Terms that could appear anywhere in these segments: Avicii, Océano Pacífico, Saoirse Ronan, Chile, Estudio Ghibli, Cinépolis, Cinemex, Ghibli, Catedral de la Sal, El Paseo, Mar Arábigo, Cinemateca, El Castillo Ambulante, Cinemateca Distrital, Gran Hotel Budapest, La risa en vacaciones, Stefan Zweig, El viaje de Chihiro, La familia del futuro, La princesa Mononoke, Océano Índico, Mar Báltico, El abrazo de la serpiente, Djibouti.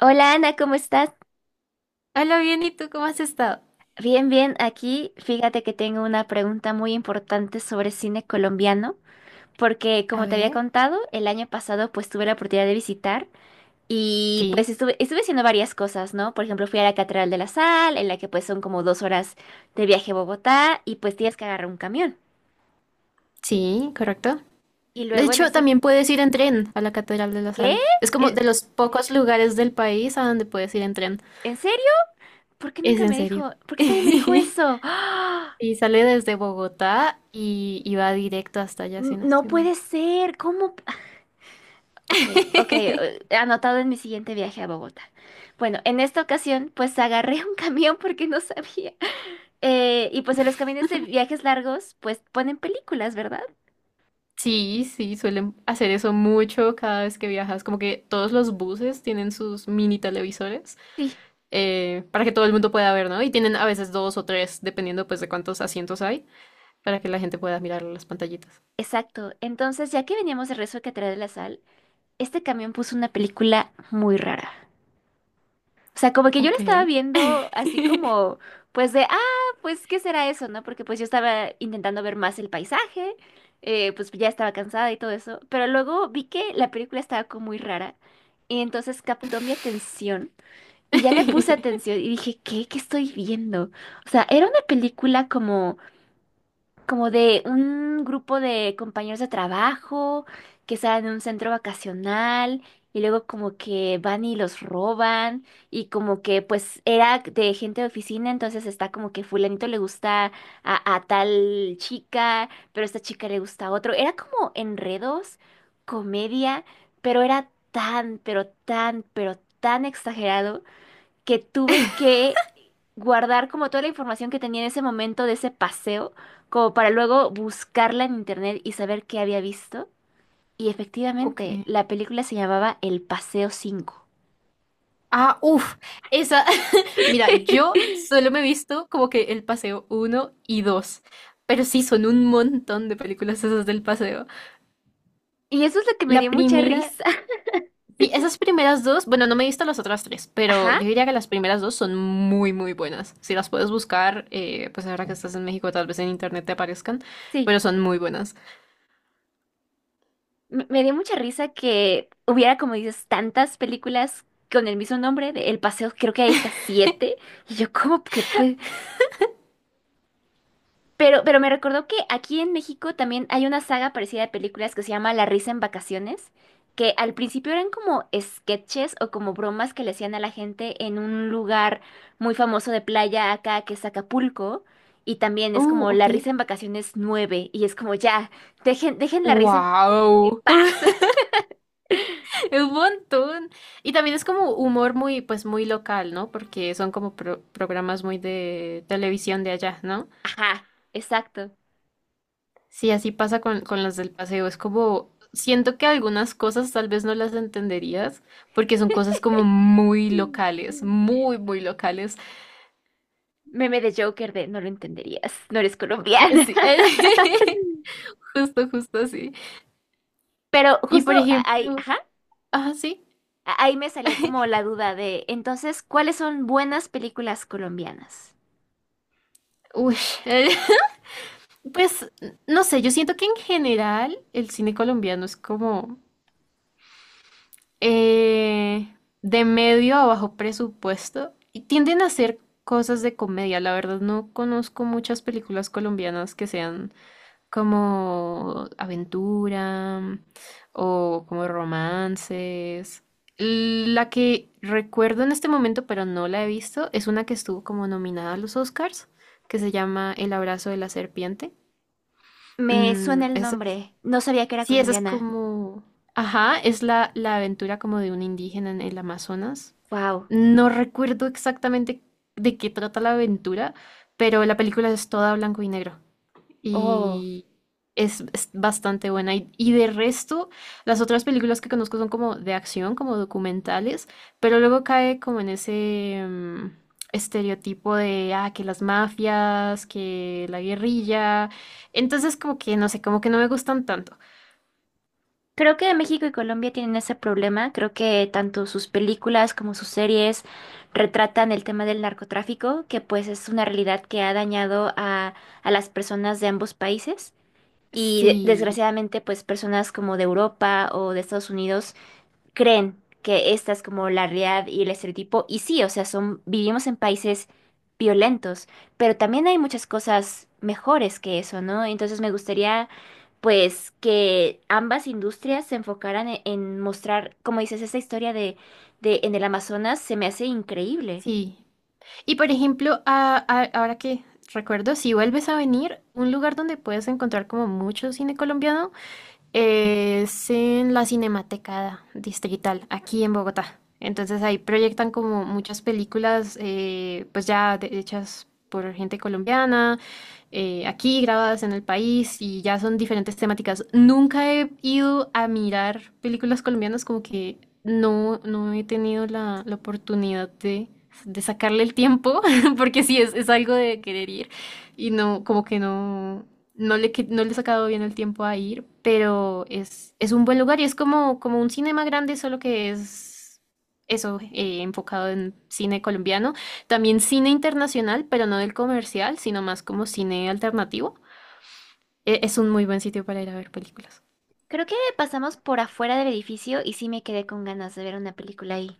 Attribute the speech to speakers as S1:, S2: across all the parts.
S1: Hola Ana, ¿cómo estás?
S2: Hola, bien, ¿y tú cómo has estado?
S1: Bien, bien, aquí fíjate que tengo una pregunta muy importante sobre cine colombiano, porque
S2: A
S1: como te había
S2: ver,
S1: contado, el año pasado pues tuve la oportunidad de visitar y
S2: sí,
S1: pues estuve haciendo varias cosas, ¿no? Por ejemplo, fui a la Catedral de la Sal, en la que pues son como 2 horas de viaje a Bogotá y pues tienes que agarrar un camión.
S2: sí, correcto.
S1: Y
S2: De
S1: luego en
S2: hecho,
S1: ese...
S2: también puedes ir en tren a la Catedral de la
S1: ¿Qué?
S2: Sal. Es como
S1: ¿En,
S2: de los pocos lugares del país a donde puedes ir en tren.
S1: en serio? ¿Por qué
S2: Es
S1: nunca
S2: en
S1: me
S2: serio.
S1: dijo? ¿Por qué nadie me dijo eso? ¡Ah!
S2: Y sale desde Bogotá y va directo hasta allá, si no
S1: No
S2: estoy mal.
S1: puede ser, ¿cómo? Ok, ok, anotado en mi siguiente viaje a Bogotá. Bueno, en esta ocasión, pues agarré un camión porque no sabía. Y pues en los camiones de viajes largos, pues ponen películas, ¿verdad?
S2: Sí, sí, suelen hacer eso mucho cada vez que viajas. Como que todos los buses tienen sus mini televisores,
S1: Sí,
S2: para que todo el mundo pueda ver, ¿no? Y tienen a veces dos o tres, dependiendo pues de cuántos asientos hay. Para que la gente pueda mirar las pantallitas.
S1: exacto. Entonces, ya que veníamos de Rezo que trae de la Sal, este camión puso una película muy rara. O sea, como que yo lo
S2: Ok.
S1: estaba viendo así como, pues de, ah, pues, ¿qué será eso, no? Porque pues yo estaba intentando ver más el paisaje, pues ya estaba cansada y todo eso, pero luego vi que la película estaba como muy rara y entonces captó mi atención y ya le puse atención y dije, ¿qué? ¿Qué estoy viendo? O sea, era una película como de un grupo de compañeros de trabajo que salen en un centro vacacional y luego como que van y los roban y como que pues era de gente de oficina, entonces está como que fulanito le gusta a tal chica, pero a esta chica le gusta a otro. Era como enredos, comedia, pero era tan, pero tan, pero tan exagerado que tuve que guardar como toda la información que tenía en ese momento de ese paseo, como para luego buscarla en internet y saber qué había visto. Y
S2: Ok.
S1: efectivamente, la película se llamaba El Paseo 5.
S2: Ah, uff, esa. Mira, yo solo me he visto como que el paseo uno y 2. Pero sí, son un montón de películas esas del paseo.
S1: Y eso es lo que me
S2: La
S1: dio mucha
S2: primera.
S1: risa.
S2: Sí, esas primeras dos. Bueno, no me he visto las otras tres. Pero
S1: Ajá,
S2: yo diría que las primeras dos son muy, muy buenas. Si las puedes buscar, pues ahora que estás en México, tal vez en internet te aparezcan.
S1: sí.
S2: Pero son muy buenas.
S1: Me dio mucha risa que hubiera, como dices, tantas películas con el mismo nombre de El Paseo. Creo que hay hasta siete. Y yo, ¿cómo que puede? Pero me recordó que aquí en México también hay una saga parecida de películas que se llama La risa en vacaciones, que al principio eran como sketches o como bromas que le hacían a la gente en un lugar muy famoso de playa acá que es Acapulco, y también es
S2: Oh,
S1: como La
S2: ok.
S1: risa en vacaciones 9 y es como ya, dejen, dejen la risa en
S2: ¡Wow!
S1: paz.
S2: Un montón. Y también es como humor muy, pues muy local, ¿no? Porque son como programas muy de televisión de allá, ¿no?
S1: Ajá, exacto.
S2: Sí, así pasa con las del paseo. Es como, siento que algunas cosas tal vez no las entenderías porque son cosas como muy locales, muy, muy locales.
S1: Meme de Joker de no lo entenderías, no eres colombiana.
S2: Sí, justo, justo así.
S1: Pero
S2: Y
S1: justo
S2: por
S1: ahí,
S2: ejemplo,
S1: ajá.
S2: ah, sí.
S1: Ahí me salió como la duda de, entonces, ¿cuáles son buenas películas colombianas?
S2: Uy, pues no sé, yo siento que en general el cine colombiano es como… eh, de medio a bajo presupuesto y tienden a hacer cosas de comedia. La verdad no conozco muchas películas colombianas que sean como aventura o como romances. La que recuerdo en este momento, pero no la he visto, es una que estuvo como nominada a los Oscars, que se llama El abrazo de la serpiente.
S1: Me suena
S2: Mm,
S1: el
S2: esa
S1: nombre, no sabía que era
S2: Sí, esa es
S1: colombiana.
S2: como, ajá, es la aventura como de un indígena en el Amazonas.
S1: Wow.
S2: No recuerdo exactamente de qué trata la aventura, pero la película es toda blanco y negro
S1: Oh.
S2: y es bastante buena. Y de resto, las otras películas que conozco son como de acción, como documentales, pero luego cae como en ese estereotipo de, ah, que las mafias, que la guerrilla. Entonces como que, no sé, como que no me gustan tanto.
S1: Creo que México y Colombia tienen ese problema. Creo que tanto sus películas como sus series retratan el tema del narcotráfico, que pues es una realidad que ha dañado a las personas de ambos países. Y
S2: Sí,
S1: desgraciadamente, pues personas como de Europa o de Estados Unidos creen que esta es como la realidad y el estereotipo. Y sí, o sea, son, vivimos en países violentos, pero también hay muchas cosas mejores que eso, ¿no? Entonces me gustaría, pues, que ambas industrias se enfocaran en mostrar, como dices, esa historia de en el Amazonas se me hace increíble.
S2: sí. Y por ejemplo, ahora que recuerdo, si vuelves a venir, un lugar donde puedes encontrar como mucho cine colombiano es en la Cinemateca Distrital, aquí en Bogotá. Entonces ahí proyectan como muchas películas, pues ya hechas por gente colombiana, aquí grabadas en el país y ya son diferentes temáticas. Nunca he ido a mirar películas colombianas como que no, no he tenido la oportunidad de sacarle el tiempo, porque sí, es algo de querer ir. Y no, como que no, no le he sacado bien el tiempo a ir, pero es un buen lugar y es como, como un cinema grande, solo que es eso, enfocado en cine colombiano. También cine internacional, pero no del comercial, sino más como cine alternativo. Es un muy buen sitio para ir a ver películas.
S1: Creo que pasamos por afuera del edificio y sí me quedé con ganas de ver una película ahí.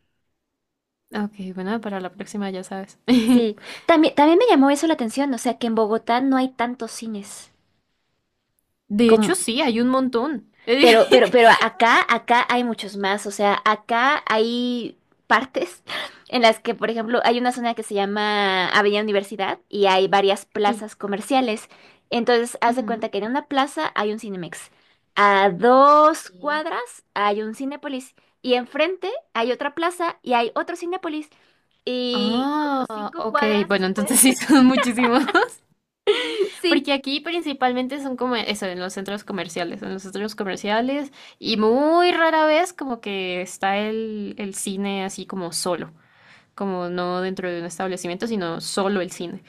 S2: Ok, bueno, para la próxima ya sabes.
S1: Sí, también, también me llamó eso la atención, o sea, que en Bogotá no hay tantos cines
S2: De hecho,
S1: como.
S2: sí, hay un montón.
S1: Pero acá, acá hay muchos más. O sea, acá hay partes en las que, por ejemplo, hay una zona que se llama Avenida Universidad y hay varias
S2: Sí.
S1: plazas comerciales. Entonces, haz de
S2: Ujú.
S1: cuenta que en una plaza hay un Cinemex. A dos
S2: Sí.
S1: cuadras hay un Cinépolis. Y enfrente hay otra plaza y hay otro Cinépolis. Y como
S2: Ah,
S1: cinco
S2: ok.
S1: cuadras
S2: Bueno,
S1: después,
S2: entonces sí son muchísimos.
S1: sí.
S2: Porque aquí principalmente son como eso, en los centros comerciales. En los centros comerciales. Y muy rara vez como que está el cine así como solo. Como no dentro de un establecimiento, sino solo el cine.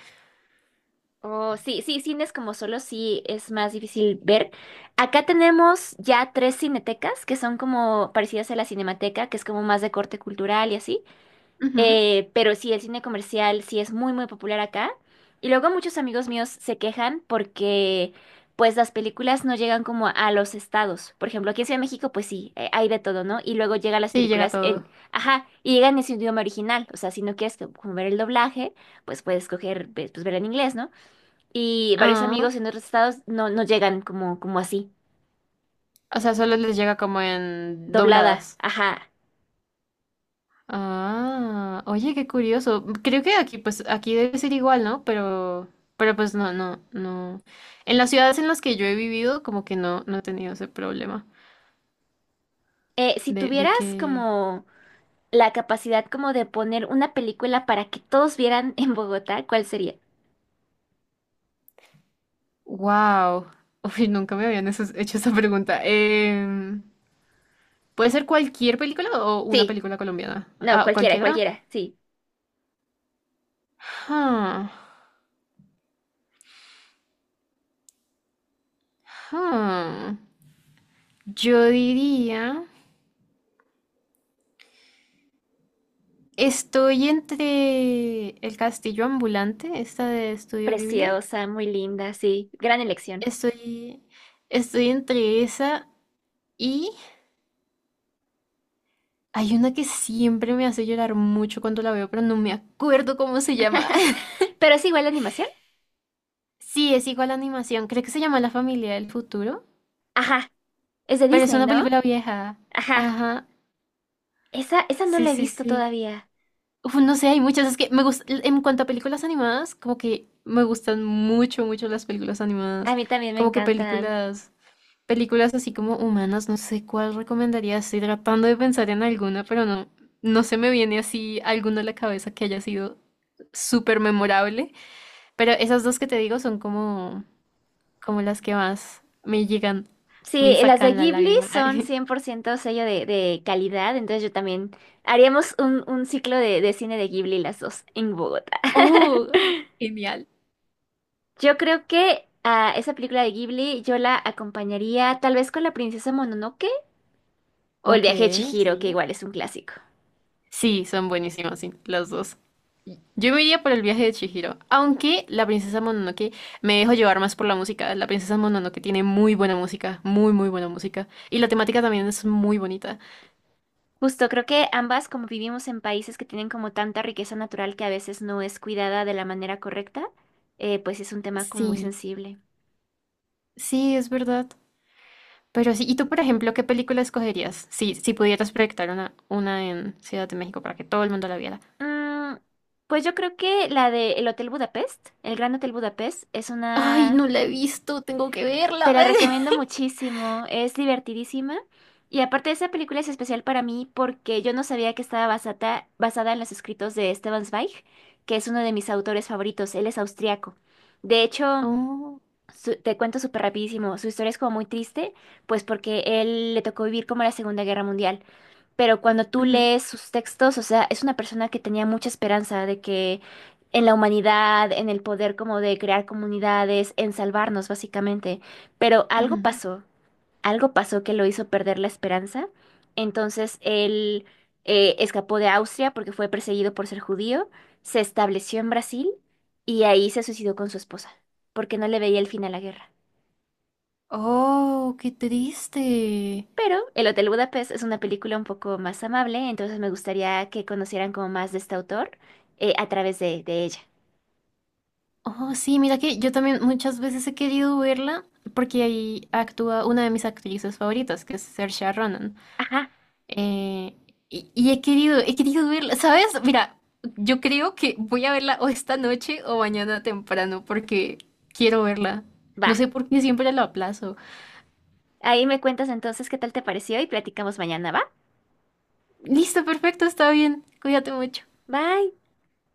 S1: Oh, sí, sí, cines como solo sí es más difícil ver. Acá tenemos ya tres cinetecas que son como parecidas a la Cinemateca, que es como más de corte cultural y así.
S2: Ujú.
S1: Pero sí, el cine comercial sí es muy, muy popular acá. Y luego muchos amigos míos se quejan porque pues las películas no llegan como a los estados. Por ejemplo, aquí en Ciudad de México pues sí, hay de todo, ¿no? Y luego llegan las
S2: Sí, llega
S1: películas
S2: todo.
S1: en, ajá, y llegan en su idioma original. O sea, si no quieres como ver el doblaje, pues puedes escoger pues verla en inglés, ¿no? Y varios
S2: Ah,
S1: amigos en otros estados no, no llegan como, como así,
S2: o sea, solo les llega como en
S1: doblada.
S2: dobladas.
S1: Ajá.
S2: Ah, oye, qué curioso. Creo que aquí, pues, aquí debe ser igual, ¿no? Pero pues no, no, no. En las ciudades en las que yo he vivido, como que no, no he tenido ese problema
S1: Si
S2: de
S1: tuvieras
S2: que,
S1: como la capacidad como de poner una película para que todos vieran en Bogotá, ¿cuál sería?
S2: wow, uy, nunca me habían hecho esa pregunta. ¿Puede ser cualquier película o una
S1: Sí,
S2: película colombiana?
S1: no,
S2: Ah,
S1: cualquiera,
S2: ¿cualquiera?
S1: cualquiera, sí.
S2: Ah, ah. Yo diría, estoy entre El Castillo Ambulante, esta de Estudio Ghibli.
S1: Preciosa, muy linda, sí. Gran elección.
S2: Estoy, estoy entre esa y hay una que siempre me hace llorar mucho cuando la veo, pero no me acuerdo cómo se llama.
S1: Pero es igual la animación.
S2: Sí, es igual a animación. Creo que se llama La familia del futuro,
S1: Ajá, es de
S2: pero es
S1: Disney,
S2: una
S1: ¿no?
S2: película vieja.
S1: Ajá.
S2: Ajá.
S1: Esa no
S2: Sí,
S1: la he
S2: sí,
S1: visto
S2: sí.
S1: todavía.
S2: Uf, no sé, hay muchas. Es que me gusta, en cuanto a películas animadas, como que me gustan mucho, mucho las películas
S1: A
S2: animadas.
S1: mí también me
S2: Como que
S1: encantan.
S2: películas, películas así como humanas, no sé cuál recomendaría. Estoy tratando de pensar en alguna, pero no, no se me viene así alguna a la cabeza que haya sido súper memorable. Pero esas dos que te digo son como, como las que más me llegan,
S1: Sí,
S2: me
S1: las de
S2: sacan la
S1: Ghibli
S2: lágrima.
S1: son cien por ciento sello de calidad, entonces yo también haríamos un ciclo de cine de Ghibli las dos en Bogotá.
S2: Oh, genial.
S1: Yo creo que a esa película de Ghibli yo la acompañaría tal vez con La princesa Mononoke o El
S2: Ok,
S1: viaje de Chihiro, que
S2: sí.
S1: igual es un clásico.
S2: Sí, son buenísimas, sí, las dos. Yo me iría por el viaje de Chihiro, aunque la princesa Mononoke me dejo llevar más por la música. La princesa Mononoke tiene muy buena música, muy, muy buena música. Y la temática también es muy bonita.
S1: Justo, creo que ambas, como vivimos en países que tienen como tanta riqueza natural que a veces no es cuidada de la manera correcta, pues es un tema como muy
S2: Sí,
S1: sensible.
S2: sí, es verdad. Pero sí, ¿y tú, por ejemplo, qué película escogerías? Si, si pudieras proyectar una en Ciudad de México para que todo el mundo la viera.
S1: Mm, pues yo creo que la de El Hotel Budapest, el Gran Hotel Budapest, es
S2: Ay,
S1: una...
S2: no la he visto, tengo que
S1: Te
S2: verla.
S1: la recomiendo muchísimo, es divertidísima. Y aparte esa película es especial para mí porque yo no sabía que estaba basada en los escritos de Stefan Zweig, que es uno de mis autores favoritos, él es austriaco. De hecho,
S2: Oh,
S1: te cuento súper rapidísimo, su historia es como muy triste, pues porque él le tocó vivir como la Segunda Guerra Mundial, pero cuando tú
S2: ujú,
S1: lees sus textos, o sea, es una persona que tenía mucha esperanza de que en la humanidad, en el poder como de crear comunidades, en salvarnos básicamente, pero
S2: ujú.
S1: algo pasó que lo hizo perder la esperanza, entonces él escapó de Austria porque fue perseguido por ser judío, se estableció en Brasil y ahí se suicidó con su esposa, porque no le veía el fin a la guerra.
S2: Oh, qué triste.
S1: Pero El Hotel Budapest es una película un poco más amable, entonces me gustaría que conocieran como más de este autor a través de ella.
S2: Oh, sí, mira que yo también muchas veces he querido verla porque ahí actúa una de mis actrices favoritas, que es Saoirse Ronan.
S1: Ajá,
S2: Eh, y he querido verla, ¿sabes? Mira, yo creo que voy a verla o esta noche o mañana temprano porque quiero verla. No
S1: va.
S2: sé por qué siempre la aplazo.
S1: Ahí me cuentas entonces qué tal te pareció y platicamos mañana, ¿va?
S2: Listo, perfecto, está bien. Cuídate mucho.
S1: Bye.